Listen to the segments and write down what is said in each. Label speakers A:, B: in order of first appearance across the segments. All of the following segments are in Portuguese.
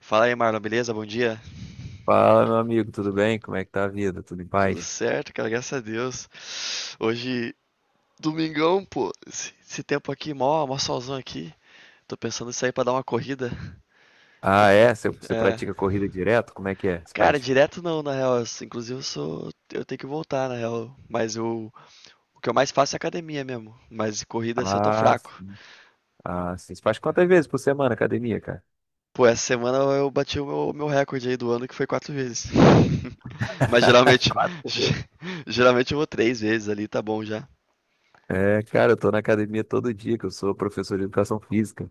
A: Fala aí, Marlon, beleza? Bom dia?
B: Fala, meu amigo, tudo bem? Como é que tá a vida? Tudo em
A: Tudo
B: paz?
A: certo, cara, graças a Deus. Hoje, domingão, pô. Esse tempo aqui, mó solzão aqui. Tô pensando em sair pra dar uma corrida. Tô-
B: Ah, é? Você
A: é,
B: pratica corrida direto? Como é que é? Você
A: cara,
B: faz...
A: direto não, na real. Eu Inclusive, eu sou, eu tenho que voltar, na real. Mas eu, o que eu mais faço é academia mesmo. Mas de corrida, assim, eu tô
B: Ah,
A: fraco.
B: sim. Ah, sim. Você faz quantas vezes por semana academia, cara?
A: Pô, essa semana eu bati o meu recorde aí do ano, que foi quatro vezes. Mas geralmente,
B: Quatro.
A: geralmente eu vou três vezes ali, tá bom já.
B: É, cara, eu tô na academia todo dia, que eu sou professor de educação física.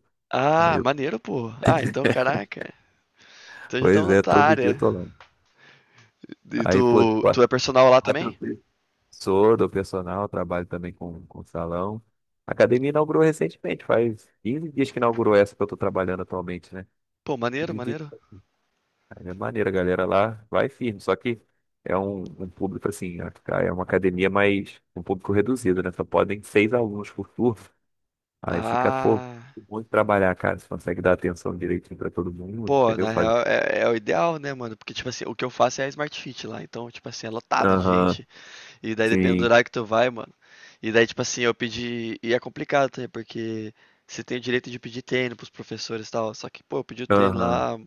B: Aí
A: Ah,
B: eu...
A: maneiro, pô. Ah, então, caraca. Então já
B: Pois
A: estamos na
B: é,
A: tua
B: todo dia eu
A: área.
B: tô lá.
A: E
B: Aí, pô,
A: tu é personal lá
B: quatro
A: também?
B: vezes. Sou do personal, trabalho também com salão. A academia inaugurou recentemente, faz 15 dias que inaugurou essa que eu tô trabalhando atualmente, né?
A: Pô, maneiro,
B: 15 dias.
A: maneiro.
B: Aí é maneiro, a galera lá vai firme, só que é um público assim, é uma academia mais um público reduzido, né? Só podem 6 alunos por turno. Aí fica, pô,
A: Ah,
B: muito trabalhar, cara. Você consegue dar atenção direitinho pra todo mundo,
A: pô,
B: entendeu?
A: na real é o ideal, né, mano? Porque, tipo assim, o que eu faço é a Smart Fit lá. Então, tipo assim, é lotado de
B: Aham,
A: gente. E daí depende do
B: sim,
A: horário que tu vai, mano. E daí, tipo assim, eu pedi. E é complicado, tá? Porque você tem o direito de pedir treino pros professores e tal. Só que, pô, eu pedi o treino
B: aham.
A: lá.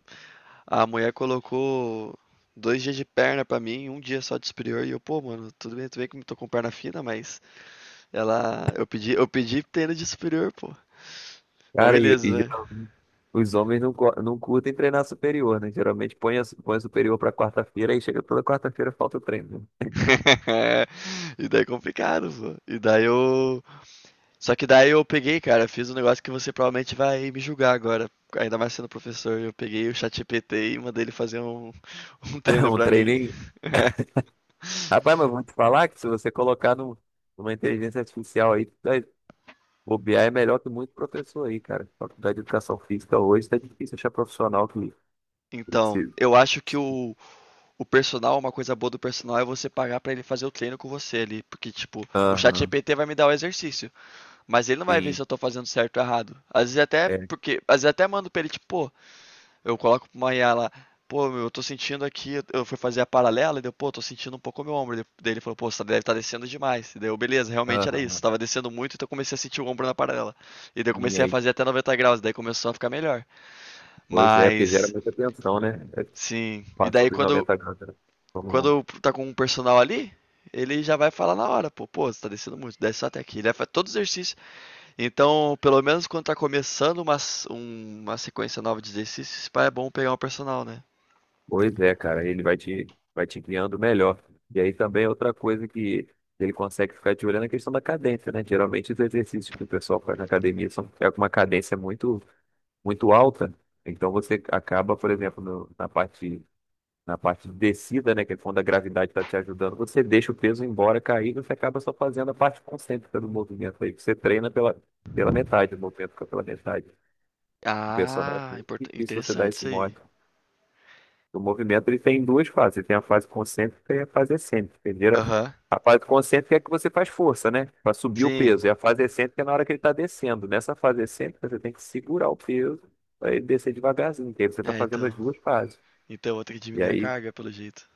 A: A mulher colocou dois dias de perna pra mim, um dia só de superior, e eu, pô, mano, tudo bem que eu tô com perna fina, mas ela. Eu pedi treino de superior, pô. Mas
B: Cara,
A: beleza,
B: e
A: né?
B: geralmente os homens não, não curtem treinar superior, né? Geralmente põe, a, põe a superior pra quarta-feira, aí chega toda quarta-feira falta o treino, né?
A: E daí é complicado, pô. E daí eu. Só que daí eu peguei, cara, fiz um negócio que você provavelmente vai me julgar agora. Ainda mais sendo professor, eu peguei o ChatGPT e mandei ele fazer um, um treino
B: Um
A: pra mim.
B: treininho. Rapaz, mas vou te falar que se você colocar no uma inteligência artificial aí, bobear é melhor que muito professor aí, cara. Faculdade de Educação Física hoje tá difícil achar profissional que
A: Então,
B: precisa.
A: eu acho que o personal, uma coisa boa do personal é você pagar pra ele fazer o treino com você ali, porque tipo, o
B: Aham,
A: ChatGPT vai me dar o exercício, mas ele não vai ver
B: sim.
A: se eu tô fazendo certo ou errado. Às vezes até
B: É,
A: porque, às vezes até mando pra ele tipo, pô, eu coloco pra uma IA lá, pô, meu, eu tô sentindo aqui, eu fui fazer a paralela e deu, pô, tô sentindo um pouco o meu ombro. Daí ele falou, pô, você deve estar descendo demais. E daí eu, beleza, realmente era isso,
B: aham,
A: tava descendo muito, então eu comecei a sentir o ombro na paralela. E daí eu
B: minha
A: comecei a
B: aí.
A: fazer até 90 graus, daí começou a ficar melhor.
B: Pois é, porque gera
A: Mas,
B: muita tensão, né? É,
A: sim. E
B: passou
A: daí
B: dos
A: quando
B: 90 graus, né? Então,
A: quando tá com um personal ali, ele já vai falar na hora, pô, pô, você tá descendo muito, desce só até aqui. Ele faz todo o exercício. Então, pelo menos quando tá começando uma, uma sequência nova de exercícios, pá, é bom pegar um personal, né?
B: pois é, cara, ele vai te criando melhor. E aí também é outra coisa que ele consegue ficar de olho é na questão da cadência, né? Geralmente os exercícios que o pessoal faz na academia são é com uma cadência muito, muito alta. Então você acaba, por exemplo, na parte, na parte de descida, né, que é quando a gravidade está te ajudando, você deixa o peso embora cair e você acaba só fazendo a parte concêntrica do movimento aí, que você treina pela, pela metade, o movimento fica pela metade. O personal é
A: Ah,
B: muito difícil você dar
A: interessante
B: esse
A: isso
B: mole.
A: aí.
B: O movimento ele tem duas fases, ele tem a fase concêntrica e a fase excêntrica. Primeiro,
A: Aham.
B: a fase concêntrica é que você faz força, né, para subir o
A: Sim.
B: peso, e a fase excêntrica é na hora que ele está descendo. Nessa fase excêntrica, você tem que segurar o peso para ele descer devagarzinho, que aí você está
A: É,
B: fazendo as
A: então.
B: duas fases.
A: Então eu vou ter que
B: E
A: diminuir a
B: aí,
A: carga, pelo jeito.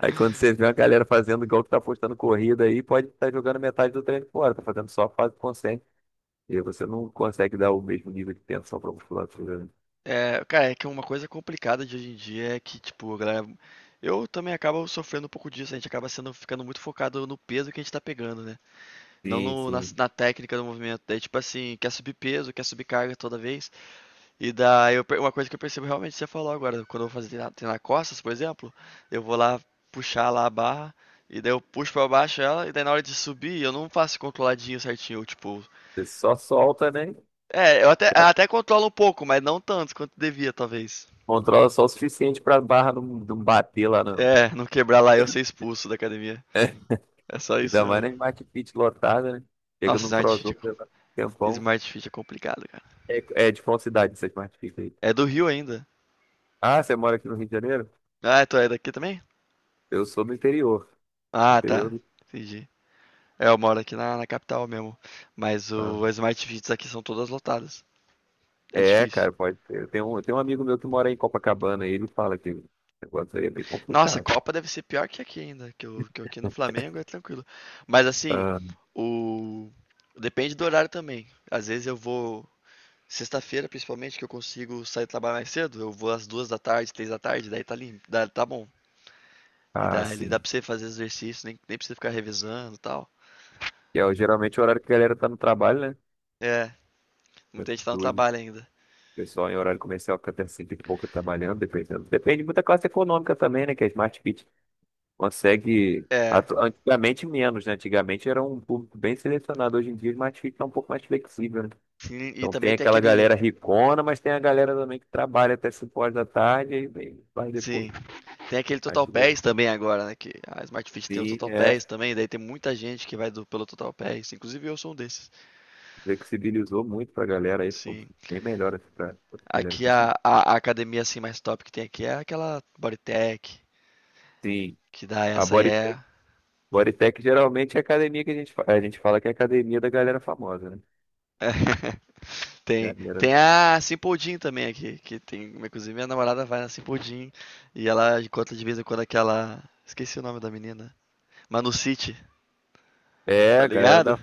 B: aí quando você vê uma galera fazendo igual que tá postando corrida aí, pode estar jogando metade do treino fora, tá fazendo só a fase consciente. E aí você não consegue dar o mesmo nível de tensão para musculatura, né?
A: É, cara, é que uma coisa complicada de hoje em dia é que, tipo, a galera. Eu também acabo sofrendo um pouco disso, a gente acaba sendo, ficando muito focado no peso que a gente tá pegando, né? Não
B: Sim,
A: no- na,
B: sim.
A: na técnica do movimento. Daí, tipo assim, quer subir peso, quer subir carga toda vez. E daí, uma coisa que eu percebo realmente, você falou agora, quando eu vou fazer treinar costas, por exemplo, eu vou lá puxar lá a barra, e daí eu puxo pra baixo ela, e daí na hora de subir, eu não faço controladinho certinho, tipo.
B: Você só solta, né?
A: É, eu até controlo um pouco, mas não tanto quanto devia, talvez.
B: Controla só o suficiente para a barra não bater lá não.
A: É, não quebrar lá e eu ser expulso da academia. É só isso
B: Ainda mais na
A: mesmo.
B: Smart Fit lotada, né? Chega
A: Nossa,
B: no
A: Smart Fit é,
B: Crossover, leva um tempão.
A: Smart Fit é complicado, cara.
B: É, é de qual cidade essa Smart Fit aí?
A: É do Rio ainda.
B: Ah, você mora aqui no Rio de Janeiro?
A: Ah, é, tu é daqui também?
B: Eu sou do interior. Do
A: Ah,
B: interior
A: tá.
B: do...
A: Entendi. É, eu moro aqui na capital mesmo. Mas
B: Ah.
A: o, as Smart Fits aqui são todas lotadas. É
B: É,
A: difícil.
B: cara, pode ser. Eu tenho, eu tenho um amigo meu que mora em Copacabana e ele fala que o negócio aí é bem
A: Nossa, a
B: complicado.
A: Copa deve ser pior que aqui ainda. Que, o, que eu aqui no Flamengo é tranquilo. Mas assim,
B: Ah,
A: o. Depende do horário também. Às vezes eu vou sexta-feira, principalmente, que eu consigo sair trabalhar mais cedo, eu vou às duas da tarde, três da tarde, daí tá limpo, dá, tá bom. E
B: ah,
A: daí ele dá
B: sim.
A: pra você fazer exercício, nem precisa ficar revisando e tal.
B: Que é o- geralmente o horário que a galera tá no trabalho, né?
A: É, muita gente tá no
B: Doido.
A: trabalho
B: O
A: ainda.
B: pessoal em horário comercial fica até cinco e pouco trabalhando, dependendo. Depende muito da classe econômica também, né? Que a Smart Fit consegue.
A: É,
B: Antigamente menos, né? Antigamente era um público bem selecionado. Hoje em dia a Smart Fit tá um pouco mais flexível, né?
A: e
B: Então
A: também
B: tem
A: tem
B: aquela galera
A: aquele.
B: ricona, mas tem a galera também que trabalha até cinco horas da tarde e aí vai depois.
A: Sim, tem aquele Total Pass também agora, né? Que a Smart Fit tem o
B: Sim,
A: Total
B: é.
A: Pass também, daí tem muita gente que vai do, pelo Total Pass, inclusive eu sou um desses.
B: Flexibilizou muito pra galera aí, ficou
A: Sim.
B: bem melhor assim pra outra galera
A: Aqui a,
B: conseguir.
A: a, a academia assim mais top que tem aqui é aquela Bodytech,
B: Sim,
A: que dá
B: a
A: essa aí
B: Bodytech,
A: é.
B: Bodytech geralmente é academia que a gente, a gente fala que é academia da galera famosa, né?
A: Tem,
B: Galera,
A: tem a Simple Jean também aqui, que tem, inclusive minha namorada vai na Simple Jean e ela conta de vez em quando aquela, esqueci o nome da menina, Manu City,
B: é,
A: tá
B: a galera
A: ligado?
B: da.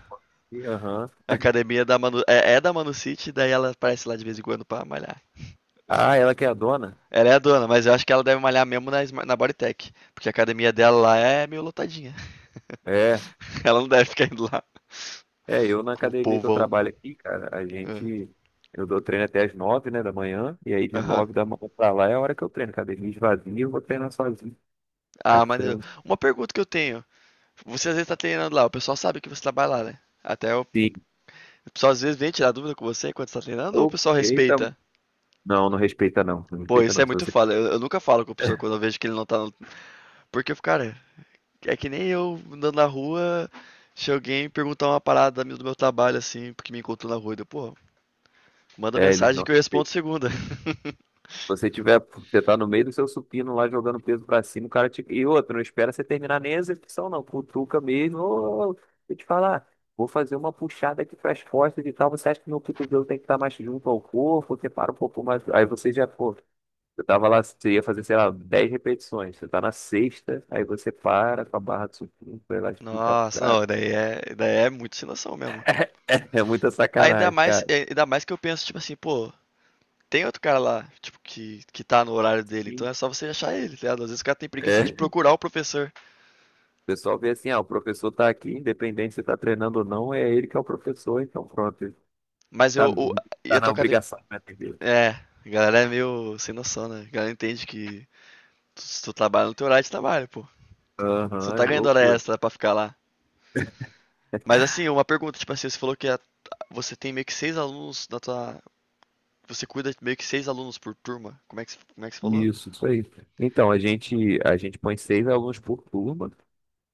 B: Aham.
A: A academia da Manu, é da Manu City, daí ela aparece lá de vez em quando pra malhar.
B: Ah, ela que é a dona?
A: Ela é a dona, mas eu acho que ela deve malhar mesmo na, na Bodytech, porque a academia dela lá é meio lotadinha.
B: É,
A: Ela não deve ficar indo lá
B: é, eu na
A: com o
B: academia que eu
A: povão.
B: trabalho aqui, cara, a
A: É.
B: gente. Eu dou treino até as nove, né, da manhã, e aí de
A: Aham.
B: nove da manhã pra lá é a hora que eu treino. Academia esvazia, eu vou treinar sozinho. Aí eu
A: Ah, maneiro.
B: treino.
A: Uma pergunta que eu tenho. Você às vezes tá treinando lá, o pessoal sabe que você trabalha lá, né? Até eu.
B: Sim.
A: O pessoal às vezes vem tirar dúvida com você enquanto você tá treinando ou o pessoal
B: Eita,
A: respeita?
B: não, não respeita não, não
A: Pô,
B: respeita
A: isso é
B: não. Se
A: muito
B: você,
A: foda. Eu nunca falo com o professor quando eu vejo que ele não tá. No... Porque, eu fico, cara, é que nem eu andando na rua, se alguém perguntar uma parada do meu trabalho, assim, porque me encontrou na rua, eu, pô, manda
B: é, eles
A: mensagem
B: não
A: que eu respondo
B: respeitam.
A: segunda.
B: Se você tiver, você tá no meio do seu supino lá jogando peso pra cima, o cara te... E outro, não espera você terminar nem a execução não, cutuca mesmo. Ô, ô, deixa eu te falar, vou fazer uma puxada aqui pras costas e tal, você acha que meu cotovelo tem que estar mais junto ao corpo? Você para um pouco mais... Aí você já, pô, você tava lá, você ia fazer, sei lá, 10 repetições, você tá na sexta, aí você para com a barra do supino, vai lá explicar pro
A: Nossa,
B: cara.
A: não, daí daí é muito sem noção mesmo.
B: É muita
A: Ainda
B: sacanagem,
A: mais,
B: cara.
A: é, ainda mais que eu penso, tipo assim, pô, tem outro cara lá, tipo, que tá no horário dele, então é só você achar ele, tá ligado? Às vezes o cara tem preguiça de
B: É.
A: procurar o professor.
B: O pessoal vê assim, ah, o professor tá aqui, independente se tá treinando ou não, é ele que é o professor, então pronto, ele
A: Mas
B: tá,
A: eu, o, e
B: tá
A: a
B: na
A: tua.
B: obrigação, né, entendeu?
A: É, a galera é meio sem noção, né? A galera entende que se tu trabalha no teu horário de trabalho, pô. Você não
B: Aham,
A: tá
B: é
A: ganhando hora
B: loucura.
A: extra pra ficar lá. Mas assim, uma pergunta, tipo assim, você falou que você tem meio que seis alunos na tua. Você cuida de meio que seis alunos por turma. Como é que, como é que você falou?
B: Isso aí. Então, a gente põe 6 alunos por turma,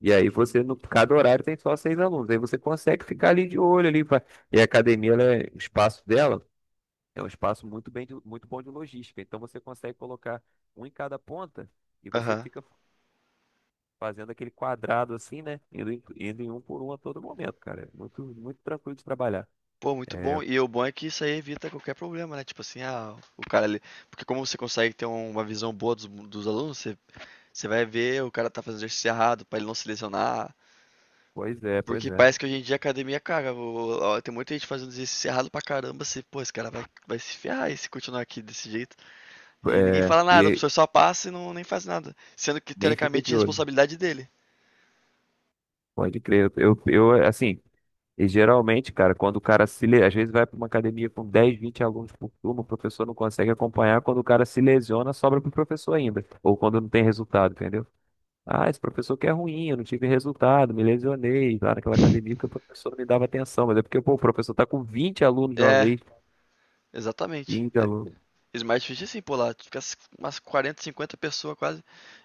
B: e aí
A: Uhum.
B: você, no, cada horário tem só 6 alunos, aí você consegue ficar ali de olho ali, pra- e a academia, ela é- o espaço dela é um espaço muito bem, de- muito bom de logística, então você consegue colocar um em cada ponta, e você
A: Aham.
B: fica fazendo aquele quadrado assim, né? Indo em um por um a todo momento, cara. É muito, muito tranquilo de trabalhar.
A: Pô, muito
B: É,
A: bom. E o bom é que isso aí evita qualquer problema, né? Tipo assim, ah, o cara ali. Porque como você consegue ter um, uma visão boa dos alunos, você, você vai ver o cara tá fazendo exercício errado pra ele não se lesionar.
B: pois é, pois
A: Porque
B: é.
A: parece que hoje em dia a academia, cara, ó, tem muita gente fazendo exercício errado pra caramba, assim, pô, esse cara vai, vai se ferrar e se continuar aqui desse jeito. E ninguém
B: É,
A: fala nada, o
B: e
A: professor só passa e não, nem faz nada. Sendo que,
B: nem fica de
A: teoricamente, é
B: olho.
A: responsabilidade dele.
B: Pode crer. Assim, e geralmente, cara, quando o cara se, le- às vezes vai para uma academia com 10, 20 alunos por turma, o professor não consegue acompanhar, quando o cara se lesiona, sobra para o professor ainda, ou quando não tem resultado, entendeu? Ah, esse professor que é ruim, eu não tive resultado, me lesionei lá naquela academia porque o professor não me dava atenção, mas é porque, pô, o professor tá com 20 alunos de uma
A: É,
B: vez.
A: exatamente. É,
B: Íngalo,
A: Smart Fit é assim, pô, lá fica umas 40, 50 pessoas quase,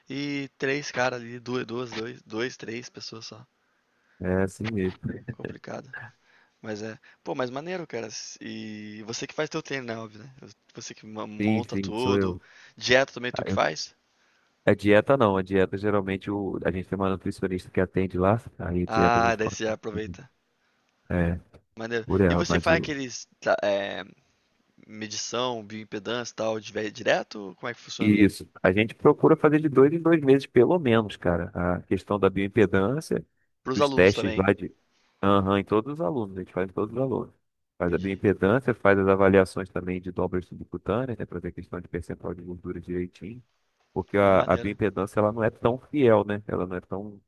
A: e três caras ali, duas, duas, dois, dois, três pessoas só.
B: é assim mesmo.
A: Complicado. Mas é. Pô, mas maneiro, cara. E você que faz teu treino, né? Óbvio, né? Você que
B: Sim,
A: monta
B: sim, sou
A: tudo.
B: eu.
A: Dieta também tu
B: Ah,
A: que
B: eu-
A: faz?
B: a dieta não, a dieta geralmente o, a gente tem uma nutricionista que atende lá, aí a dieta a
A: Ah,
B: gente
A: daí
B: faz.
A: você já
B: Uhum,
A: aproveita.
B: é,
A: Maneiro.
B: por
A: E
B: ela,
A: você
B: mas
A: faz
B: o.
A: aqueles. Tá, é, medição, bioimpedância e tal, direto? Como é que funciona?
B: Isso. A gente procura fazer de 2 em 2 meses, pelo menos, cara. A questão da bioimpedância,
A: Pros
B: dos
A: alunos
B: testes
A: também.
B: lá de. Aham, em todos os alunos, a gente faz em todos os alunos. Faz a
A: Entendi.
B: bioimpedância, faz as avaliações também de dobras subcutâneas, né, para ver a questão de percentual de gordura direitinho. Porque a
A: Maneiro.
B: bioimpedância ela não é tão fiel, né? Ela não é tão,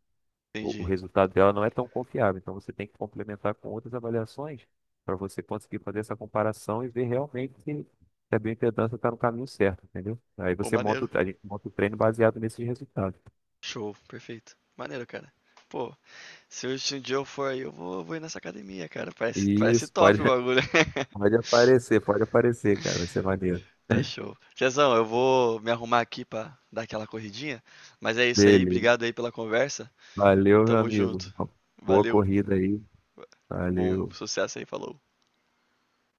B: o
A: Entendi.
B: resultado dela não é tão confiável. Então você tem que complementar com outras avaliações para você conseguir fazer essa comparação e ver realmente se a bioimpedância está no caminho certo, entendeu? Aí
A: Pô,
B: você monta,
A: maneiro.
B: a gente monta o treino baseado nesses resultados.
A: Show. Perfeito. Maneiro, cara. Pô, se hoje um dia eu for aí, eu vou, vou ir nessa academia, cara. Parece, parece
B: Isso,
A: top
B: pode,
A: o bagulho.
B: pode aparecer, cara. Vai ser maneiro.
A: Tá show. Tiazão, eu vou me arrumar aqui pra dar aquela corridinha, mas é isso aí.
B: Beleza.
A: Obrigado aí pela conversa.
B: Valeu, meu
A: Tamo
B: amigo.
A: junto.
B: Boa
A: Valeu.
B: corrida aí.
A: Bom
B: Valeu.
A: sucesso aí, falou.